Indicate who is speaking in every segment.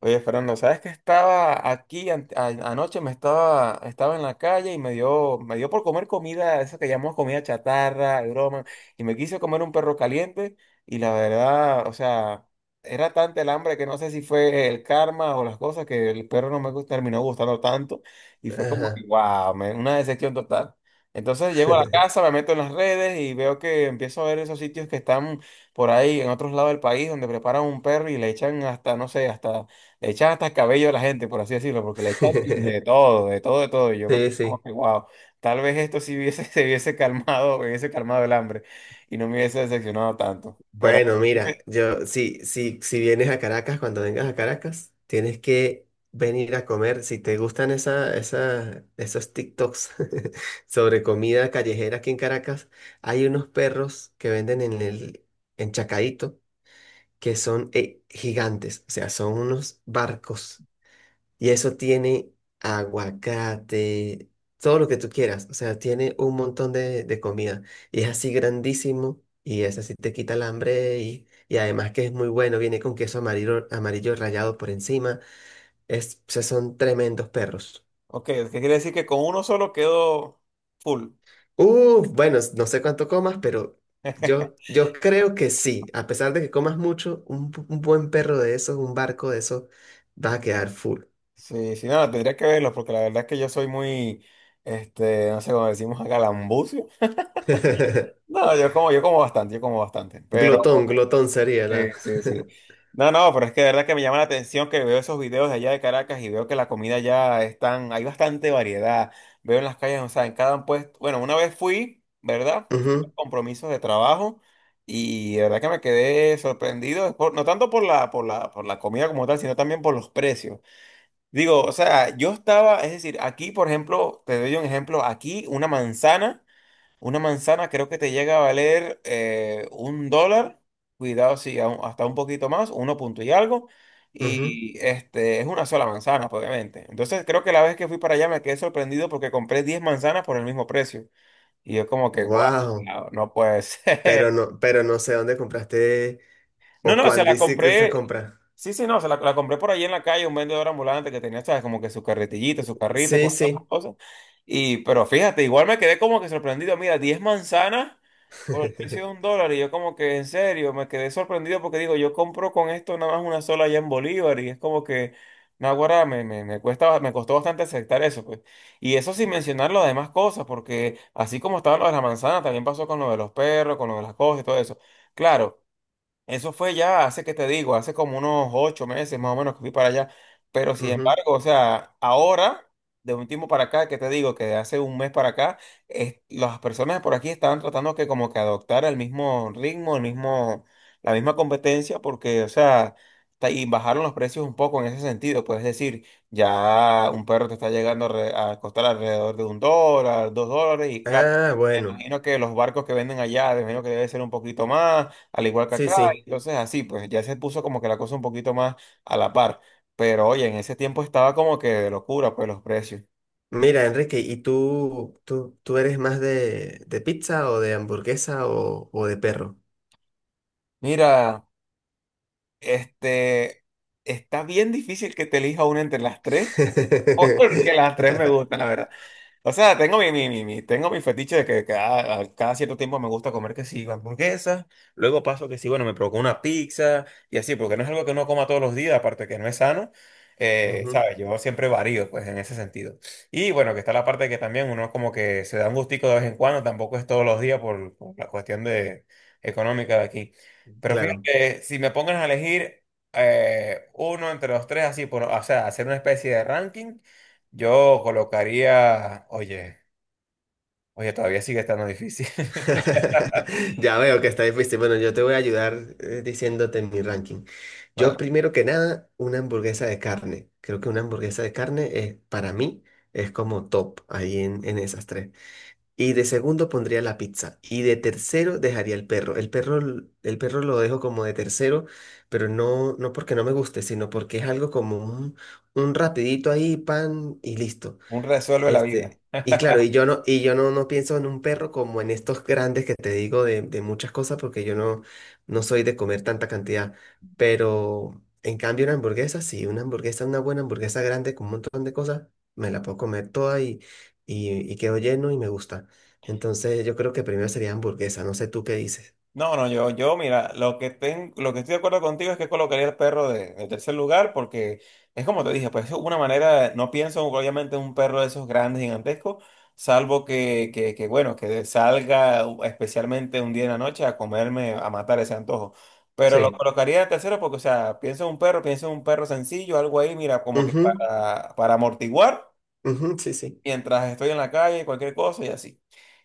Speaker 1: Oye, Fernando, ¿sabes que estaba aquí anoche? Me estaba en la calle y me dio por comer comida, eso que llamamos comida chatarra, y broma, y me quise comer un perro caliente y la verdad, o sea, era tanta el hambre que no sé si fue el karma o las cosas que el perro no terminó gustando tanto y fue como que,
Speaker 2: Ajá.
Speaker 1: wow, una decepción total. Entonces llego a la casa, me meto en las redes y veo que empiezo a ver esos sitios que están por ahí en otros lados del país donde preparan un perro y le echan hasta, no sé, hasta le echan hasta el cabello a la gente, por así decirlo, porque le echan de todo, de todo, de todo. Y yo me quedo
Speaker 2: Sí,
Speaker 1: como
Speaker 2: sí.
Speaker 1: que, wow, tal vez esto sí hubiese, se hubiese calmado el hambre y no me hubiese decepcionado tanto. Pero,
Speaker 2: Bueno, mira, yo, si, si, si vienes a Caracas, cuando vengas a Caracas, tienes que venir a comer. Si te gustan esa, esa, esos TikToks sobre comida callejera aquí en Caracas, hay unos perros que venden en Chacaíto que son gigantes, o sea, son unos barcos. Y eso tiene aguacate, todo lo que tú quieras. O sea, tiene un montón de comida. Y es así grandísimo. Y es así, te quita el hambre. Y además que es muy bueno. Viene con queso amarillo, amarillo rallado por encima. O sea, son tremendos perros.
Speaker 1: ok, ¿qué quiere decir? Que con uno solo quedo full.
Speaker 2: Bueno, no sé cuánto comas, pero yo creo que sí. A pesar de que comas mucho, un buen perro de esos, un barco de esos, va a quedar full.
Speaker 1: Sí, sí, nada, tendría que verlo, porque la verdad es que yo soy muy, este, no sé cómo decimos acá, lambucio. No, yo como bastante, yo como bastante. Pero.
Speaker 2: Glotón, glotón sería
Speaker 1: Sí,
Speaker 2: la.
Speaker 1: sí, sí. No, no, pero es que de verdad que me llama la atención que veo esos videos de allá de Caracas y veo que la comida ya están, hay bastante variedad. Veo en las calles, o sea, en cada puesto. Bueno, una vez fui, ¿verdad? Fui por
Speaker 2: Ujú.
Speaker 1: compromisos de trabajo y de verdad que me quedé sorprendido, no tanto por la comida como tal, sino también por los precios. Digo, o sea, yo estaba, es decir, aquí, por ejemplo, te doy un ejemplo, aquí una manzana. Una manzana creo que te llega a valer $1, cuidado si hasta un poquito más, uno punto y algo, y este es una sola manzana, pues, obviamente. Entonces creo que la vez que fui para allá me quedé sorprendido porque compré 10 manzanas por el mismo precio. Y yo como que, guau,
Speaker 2: Wow.
Speaker 1: no, no puede ser.
Speaker 2: Pero no sé dónde compraste
Speaker 1: No,
Speaker 2: o
Speaker 1: no, se
Speaker 2: cuándo
Speaker 1: la
Speaker 2: hiciste esta
Speaker 1: compré,
Speaker 2: compra.
Speaker 1: sí, sí, no, la compré por allí en la calle, un vendedor ambulante que tenía, sabes, como que su carretillito, su carrito, con
Speaker 2: Sí,
Speaker 1: todas esas
Speaker 2: sí.
Speaker 1: cosas. Y, pero fíjate, igual me quedé como que sorprendido, mira, 10 manzanas. Por el precio de un dólar, y yo como que en serio me quedé sorprendido porque digo, yo compro con esto nada más una sola allá en Bolívar, y es como que, naguará, me costó bastante aceptar eso, pues. Y eso sin mencionar las demás cosas, porque así como estaba lo de la manzana, también pasó con lo de los perros, con lo de las cosas y todo eso. Claro, eso fue ya hace que te digo, hace como unos 8 meses más o menos que fui para allá. Pero sin
Speaker 2: Ujú.
Speaker 1: embargo, o sea, ahora, de un tiempo para acá, que te digo que de hace un mes para acá, las personas por aquí estaban tratando que como que adoptar el mismo ritmo, el mismo, la misma competencia, porque, o sea, y bajaron los precios un poco en ese sentido. Pues es decir, ya un perro te está llegando a costar alrededor de $1, $2, y claro,
Speaker 2: Ah,
Speaker 1: me
Speaker 2: bueno.
Speaker 1: imagino que los barcos que venden allá, me imagino que debe ser un poquito más al igual que
Speaker 2: Sí,
Speaker 1: acá.
Speaker 2: sí.
Speaker 1: Entonces así, pues ya se puso como que la cosa un poquito más a la par. Pero oye, en ese tiempo estaba como que de locura, pues los precios.
Speaker 2: Mira, Enrique, ¿y tú eres más de pizza o de hamburguesa o de perro?
Speaker 1: Mira, este, está bien difícil que te elija una entre las tres, porque las tres me gustan, la verdad. O sea, tengo mi, mi, mi, mi- tengo mi fetiche de que cada, a cada cierto tiempo me gusta comer que sí, hamburguesas, luego paso que sí, bueno, me provoca una pizza y así, porque no es algo que uno coma todos los días, aparte que no es sano,
Speaker 2: Ujú.
Speaker 1: ¿sabes? Yo siempre varío, pues, en ese sentido. Y bueno, que está la parte que también uno como que se da un gustico de vez en cuando, tampoco es todos los días por la cuestión de, económica de aquí. Pero
Speaker 2: Claro.
Speaker 1: fíjate, si me pongan a elegir uno entre los tres, así, por, o sea, hacer una especie de ranking. Yo colocaría, oye, todavía sigue estando difícil.
Speaker 2: Ya veo que está difícil. Bueno, yo te voy a ayudar diciéndote mi ranking. Yo
Speaker 1: Ah,
Speaker 2: primero que nada, una hamburguesa de carne. Creo que una hamburguesa de carne para mí es como top ahí en esas tres. Y de segundo pondría la pizza. Y de tercero dejaría el perro. El perro lo dejo como de tercero, pero no, no porque no me guste, sino porque es algo como un rapidito ahí, pan y listo.
Speaker 1: un resuelve la vida.
Speaker 2: Este, y claro, y yo no, no pienso en un perro como en estos grandes que te digo de muchas cosas, porque yo no, no soy de comer tanta cantidad. Pero en cambio una hamburguesa, sí, una hamburguesa, una buena hamburguesa grande con un montón de cosas, me la puedo comer toda y quedo lleno y me gusta. Entonces yo creo que primero sería hamburguesa, no sé tú qué dices.
Speaker 1: No, no, mira, lo que estoy de acuerdo contigo es que colocaría el perro de tercer lugar, porque es como te dije, pues es una manera, no pienso obviamente en un perro de esos grandes, gigantescos, salvo bueno, que salga especialmente un día en la noche a comerme, a matar ese antojo. Pero lo
Speaker 2: Sí.
Speaker 1: colocaría de tercero porque, o sea, pienso en un perro, pienso en un perro sencillo, algo ahí, mira, como que
Speaker 2: Ujú,
Speaker 1: para amortiguar
Speaker 2: ujú, sí, sí.
Speaker 1: mientras estoy en la calle, cualquier cosa y así.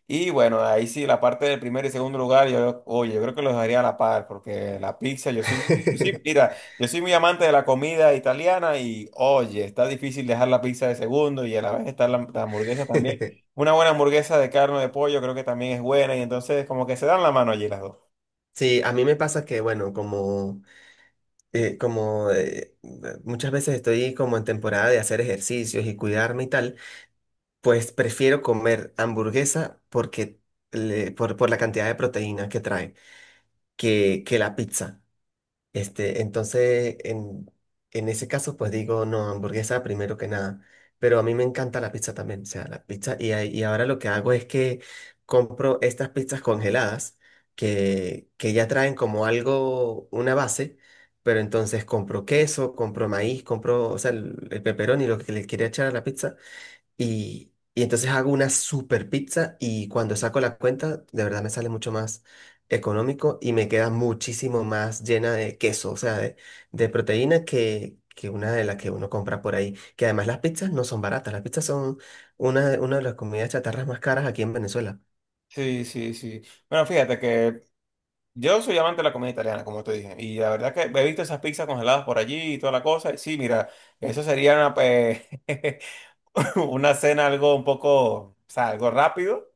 Speaker 1: Y bueno, ahí sí, la parte del primer y segundo lugar, yo, oye, yo creo que los dejaría a la par, porque la pizza, mira, yo soy muy amante de la comida italiana y, oye, está difícil dejar la pizza de segundo y a la vez está la hamburguesa también. Una buena hamburguesa de carne o de pollo creo que también es buena y entonces como que se dan la mano allí las dos.
Speaker 2: Sí, a mí me pasa que, bueno, como muchas veces estoy como en temporada de hacer ejercicios y cuidarme y tal, pues prefiero comer hamburguesa porque por la cantidad de proteína que trae que la pizza. Este, entonces, en ese caso, pues digo, no, hamburguesa primero que nada. Pero a mí me encanta la pizza también, o sea, la pizza. Y ahora lo que hago es que compro estas pizzas congeladas que ya traen como algo, una base, pero entonces compro queso, compro maíz, compro, o sea, el pepperoni, lo que le quiera echar a la pizza. Y entonces hago una super pizza y cuando saco la cuenta, de verdad me sale mucho más económico y me queda muchísimo más llena de queso, o sea, de proteína que una de las que uno compra por ahí. Que además las pizzas no son baratas, las pizzas son una de las comidas chatarras más caras aquí en Venezuela.
Speaker 1: Sí, sí, sí. Bueno, fíjate que yo soy amante de la comida italiana, como te dije, y la verdad que he visto esas pizzas congeladas por allí y toda la cosa. Y sí, mira, eso sería una, pe- una cena algo un poco, o sea, algo rápido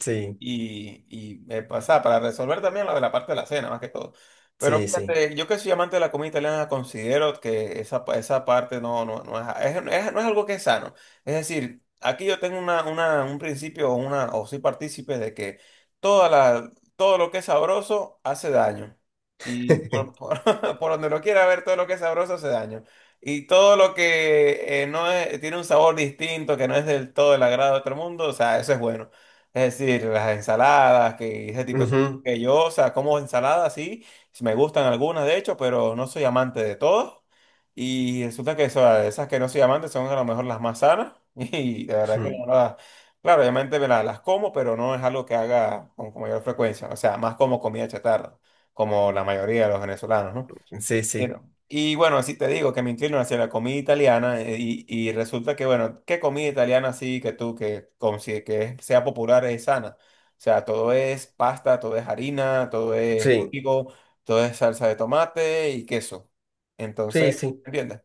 Speaker 2: Sí,
Speaker 1: y o sea, para resolver también lo de la parte de la cena, más que todo. Pero
Speaker 2: sí, sí.
Speaker 1: fíjate, yo que soy amante de la comida italiana, considero que esa, esa parte no, no, no, no es algo que es sano. Es decir, aquí yo tengo un principio o, una, o soy partícipe de que toda la, todo lo que es sabroso hace daño. Y por, por donde lo quiera ver, todo lo que es sabroso hace daño. Y todo lo que no es- tiene un sabor distinto, que no es del todo el agrado de otro mundo, o sea, eso es bueno. Es decir, las ensaladas, que ese tipo de cosas
Speaker 2: Ujú,
Speaker 1: que yo, o sea, como ensaladas, sí, sí me gustan algunas de hecho, pero no soy amante de todas. Y resulta que o sea, esas que no soy amante son a lo mejor las más sanas. Y la verdad que no las, claro, obviamente me las, como, pero no es algo que haga con mayor frecuencia. O sea, más como comida chatarra, como la mayoría de los venezolanos, ¿no?
Speaker 2: ujú. Sí,
Speaker 1: You.
Speaker 2: sí,
Speaker 1: Y bueno, así te digo que me inclino hacia la comida italiana y resulta que, bueno, ¿qué comida italiana así que tú que, que sea popular es sana? O sea, todo es pasta, todo es harina, todo es
Speaker 2: sí,
Speaker 1: trigo, todo es salsa de tomate y queso.
Speaker 2: sí,
Speaker 1: Entonces,
Speaker 2: sí,
Speaker 1: ¿entiendes?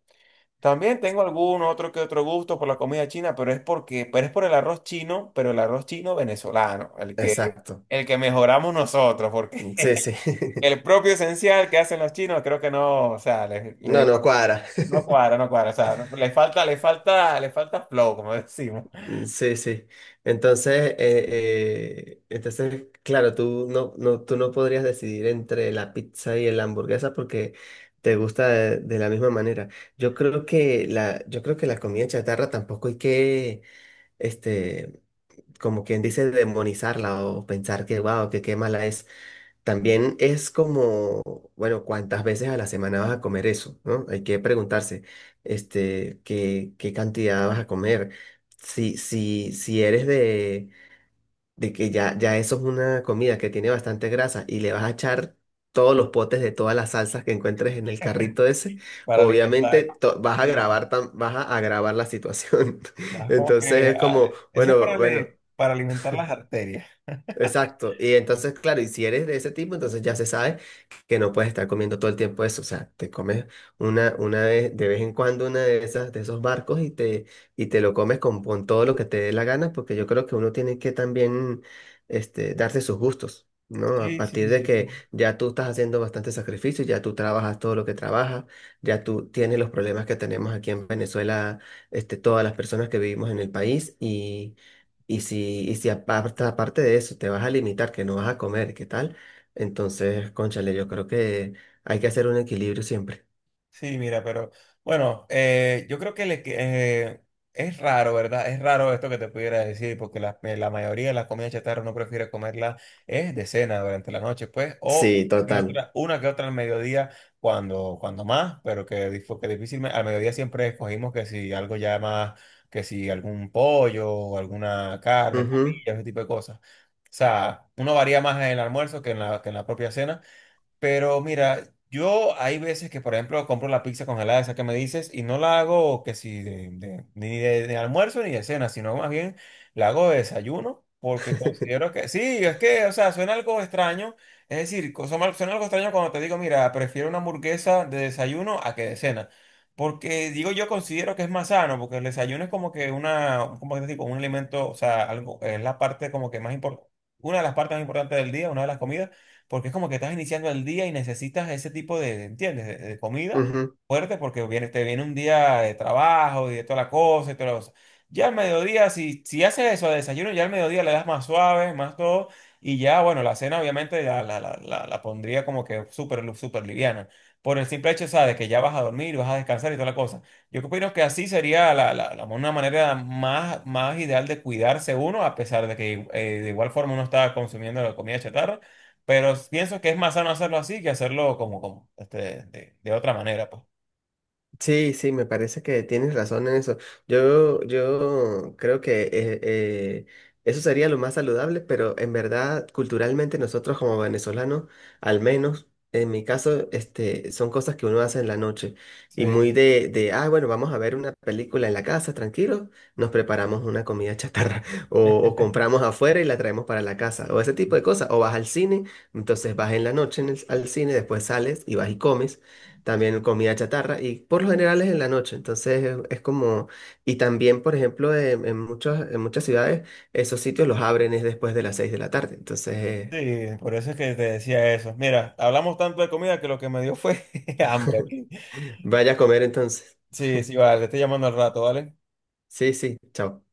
Speaker 1: También tengo algún otro que otro gusto por la comida china, pero es porque, pero es por el arroz chino, pero el arroz chino venezolano, el que,
Speaker 2: exacto.
Speaker 1: el que mejoramos nosotros, porque
Speaker 2: Sí, sí.
Speaker 1: el propio esencial que hacen los chinos, creo que no, o sea,
Speaker 2: No, no cuadra.
Speaker 1: no cuadra, no cuadra. O sea, le falta, le falta, le falta flow, como decimos,
Speaker 2: Sí, sí. Entonces, claro, tú no podrías decidir entre la pizza y la hamburguesa porque te gusta de la misma manera. Yo creo que la comida chatarra tampoco hay que, este, como quien dice, demonizarla o pensar que, wow, que qué mala es. También es como, bueno, cuántas veces a la semana vas a comer eso, ¿no? Hay que preguntarse, este, qué cantidad vas a comer. Si eres de que ya eso es una comida que tiene bastante grasa y le vas a echar todos los potes de todas las salsas que encuentres en el carrito ese,
Speaker 1: para
Speaker 2: obviamente
Speaker 1: alimentar. Sí,
Speaker 2: vas a agravar la situación.
Speaker 1: más como
Speaker 2: Entonces
Speaker 1: que
Speaker 2: es
Speaker 1: ah,
Speaker 2: como,
Speaker 1: ese es
Speaker 2: bueno,
Speaker 1: para,
Speaker 2: bueno.
Speaker 1: para alimentar las arterias.
Speaker 2: Exacto. Y entonces, claro, y si eres de ese tipo, entonces ya se sabe que no puedes estar comiendo todo el tiempo eso. O sea, te comes una vez, de vez en cuando una de esas, de esos barcos y te, lo comes con todo lo que te dé la gana, porque yo creo que uno tiene que también, este, darse sus gustos, ¿no? A
Speaker 1: Sí, sí,
Speaker 2: partir de
Speaker 1: sí.
Speaker 2: que ya tú estás haciendo bastante sacrificio, ya tú trabajas todo lo que trabajas, ya tú tienes los problemas que tenemos aquí en Venezuela, este, todas las personas que vivimos en el país y si aparte de eso te vas a limitar, que no vas a comer, ¿qué tal? Entonces, cónchale, yo creo que hay que hacer un equilibrio siempre.
Speaker 1: Sí, mira, pero bueno, yo creo que, es raro, ¿verdad? Es raro esto que te pudiera decir, porque la mayoría de las comidas chatarra uno prefiere comerla es de cena durante la noche, pues, o
Speaker 2: Sí, total.
Speaker 1: una que otra al mediodía, cuando más, pero que difícilmente, al mediodía siempre escogimos que si algo ya más, que si algún pollo o alguna carne,
Speaker 2: Ujú,
Speaker 1: parrilla, ese tipo de cosas. O sea, uno varía más en el almuerzo que que en la propia cena. Pero mira, yo hay veces que, por ejemplo, compro la pizza congelada, esa que me dices, y no la hago que si de, de- ni de, de almuerzo ni de cena, sino más bien la hago de desayuno, porque considero que sí, es que, o sea, suena algo extraño. Es decir, suena algo extraño cuando te digo, mira, prefiero una hamburguesa de desayuno a que de cena. Porque digo, yo considero que es más sano, porque el desayuno es como que una, como que te digo, un alimento, o sea, algo, es la parte como que más importante, una de las partes más importantes del día, una de las comidas porque es como que estás iniciando el día y necesitas ese tipo ¿entiendes? De comida
Speaker 2: ujú.
Speaker 1: fuerte porque viene, te viene un día de trabajo y de toda la cosa y toda la cosa. Ya al mediodía, si, si haces eso de desayuno, ya al mediodía le das más suave, más todo, y ya, bueno, la cena obviamente la pondría como que súper liviana. Por el simple hecho, ¿sabes? Que ya vas a dormir, vas a descansar y toda la cosa. Yo opino que así sería una manera más ideal de cuidarse uno, a pesar de que de igual forma uno está consumiendo la comida chatarra pero pienso que es más sano hacerlo así que hacerlo como este, de otra manera, pues.
Speaker 2: Sí, sí, me parece que tienes razón en eso. Yo creo que eso sería lo más saludable, pero en verdad, culturalmente nosotros como venezolanos, al menos en mi caso, este, son cosas que uno hace en la noche
Speaker 1: Sí.
Speaker 2: y muy ah, bueno, vamos a ver una película en la casa, tranquilo, nos preparamos una comida chatarra o compramos afuera y la traemos para la casa o ese tipo de cosas, o vas al cine, entonces vas en la noche al cine, después sales y vas y comes. También comida chatarra y por lo general es en la noche, entonces es como, y también por ejemplo en muchas ciudades esos sitios los abren es después de las 6 de la tarde, entonces
Speaker 1: Sí, por eso es que te decía eso. Mira, hablamos tanto de comida que lo que me dio fue hambre aquí.
Speaker 2: vaya a comer entonces.
Speaker 1: Sí, sí, vale, te estoy llamando al rato, ¿vale?
Speaker 2: Sí, sí, chao.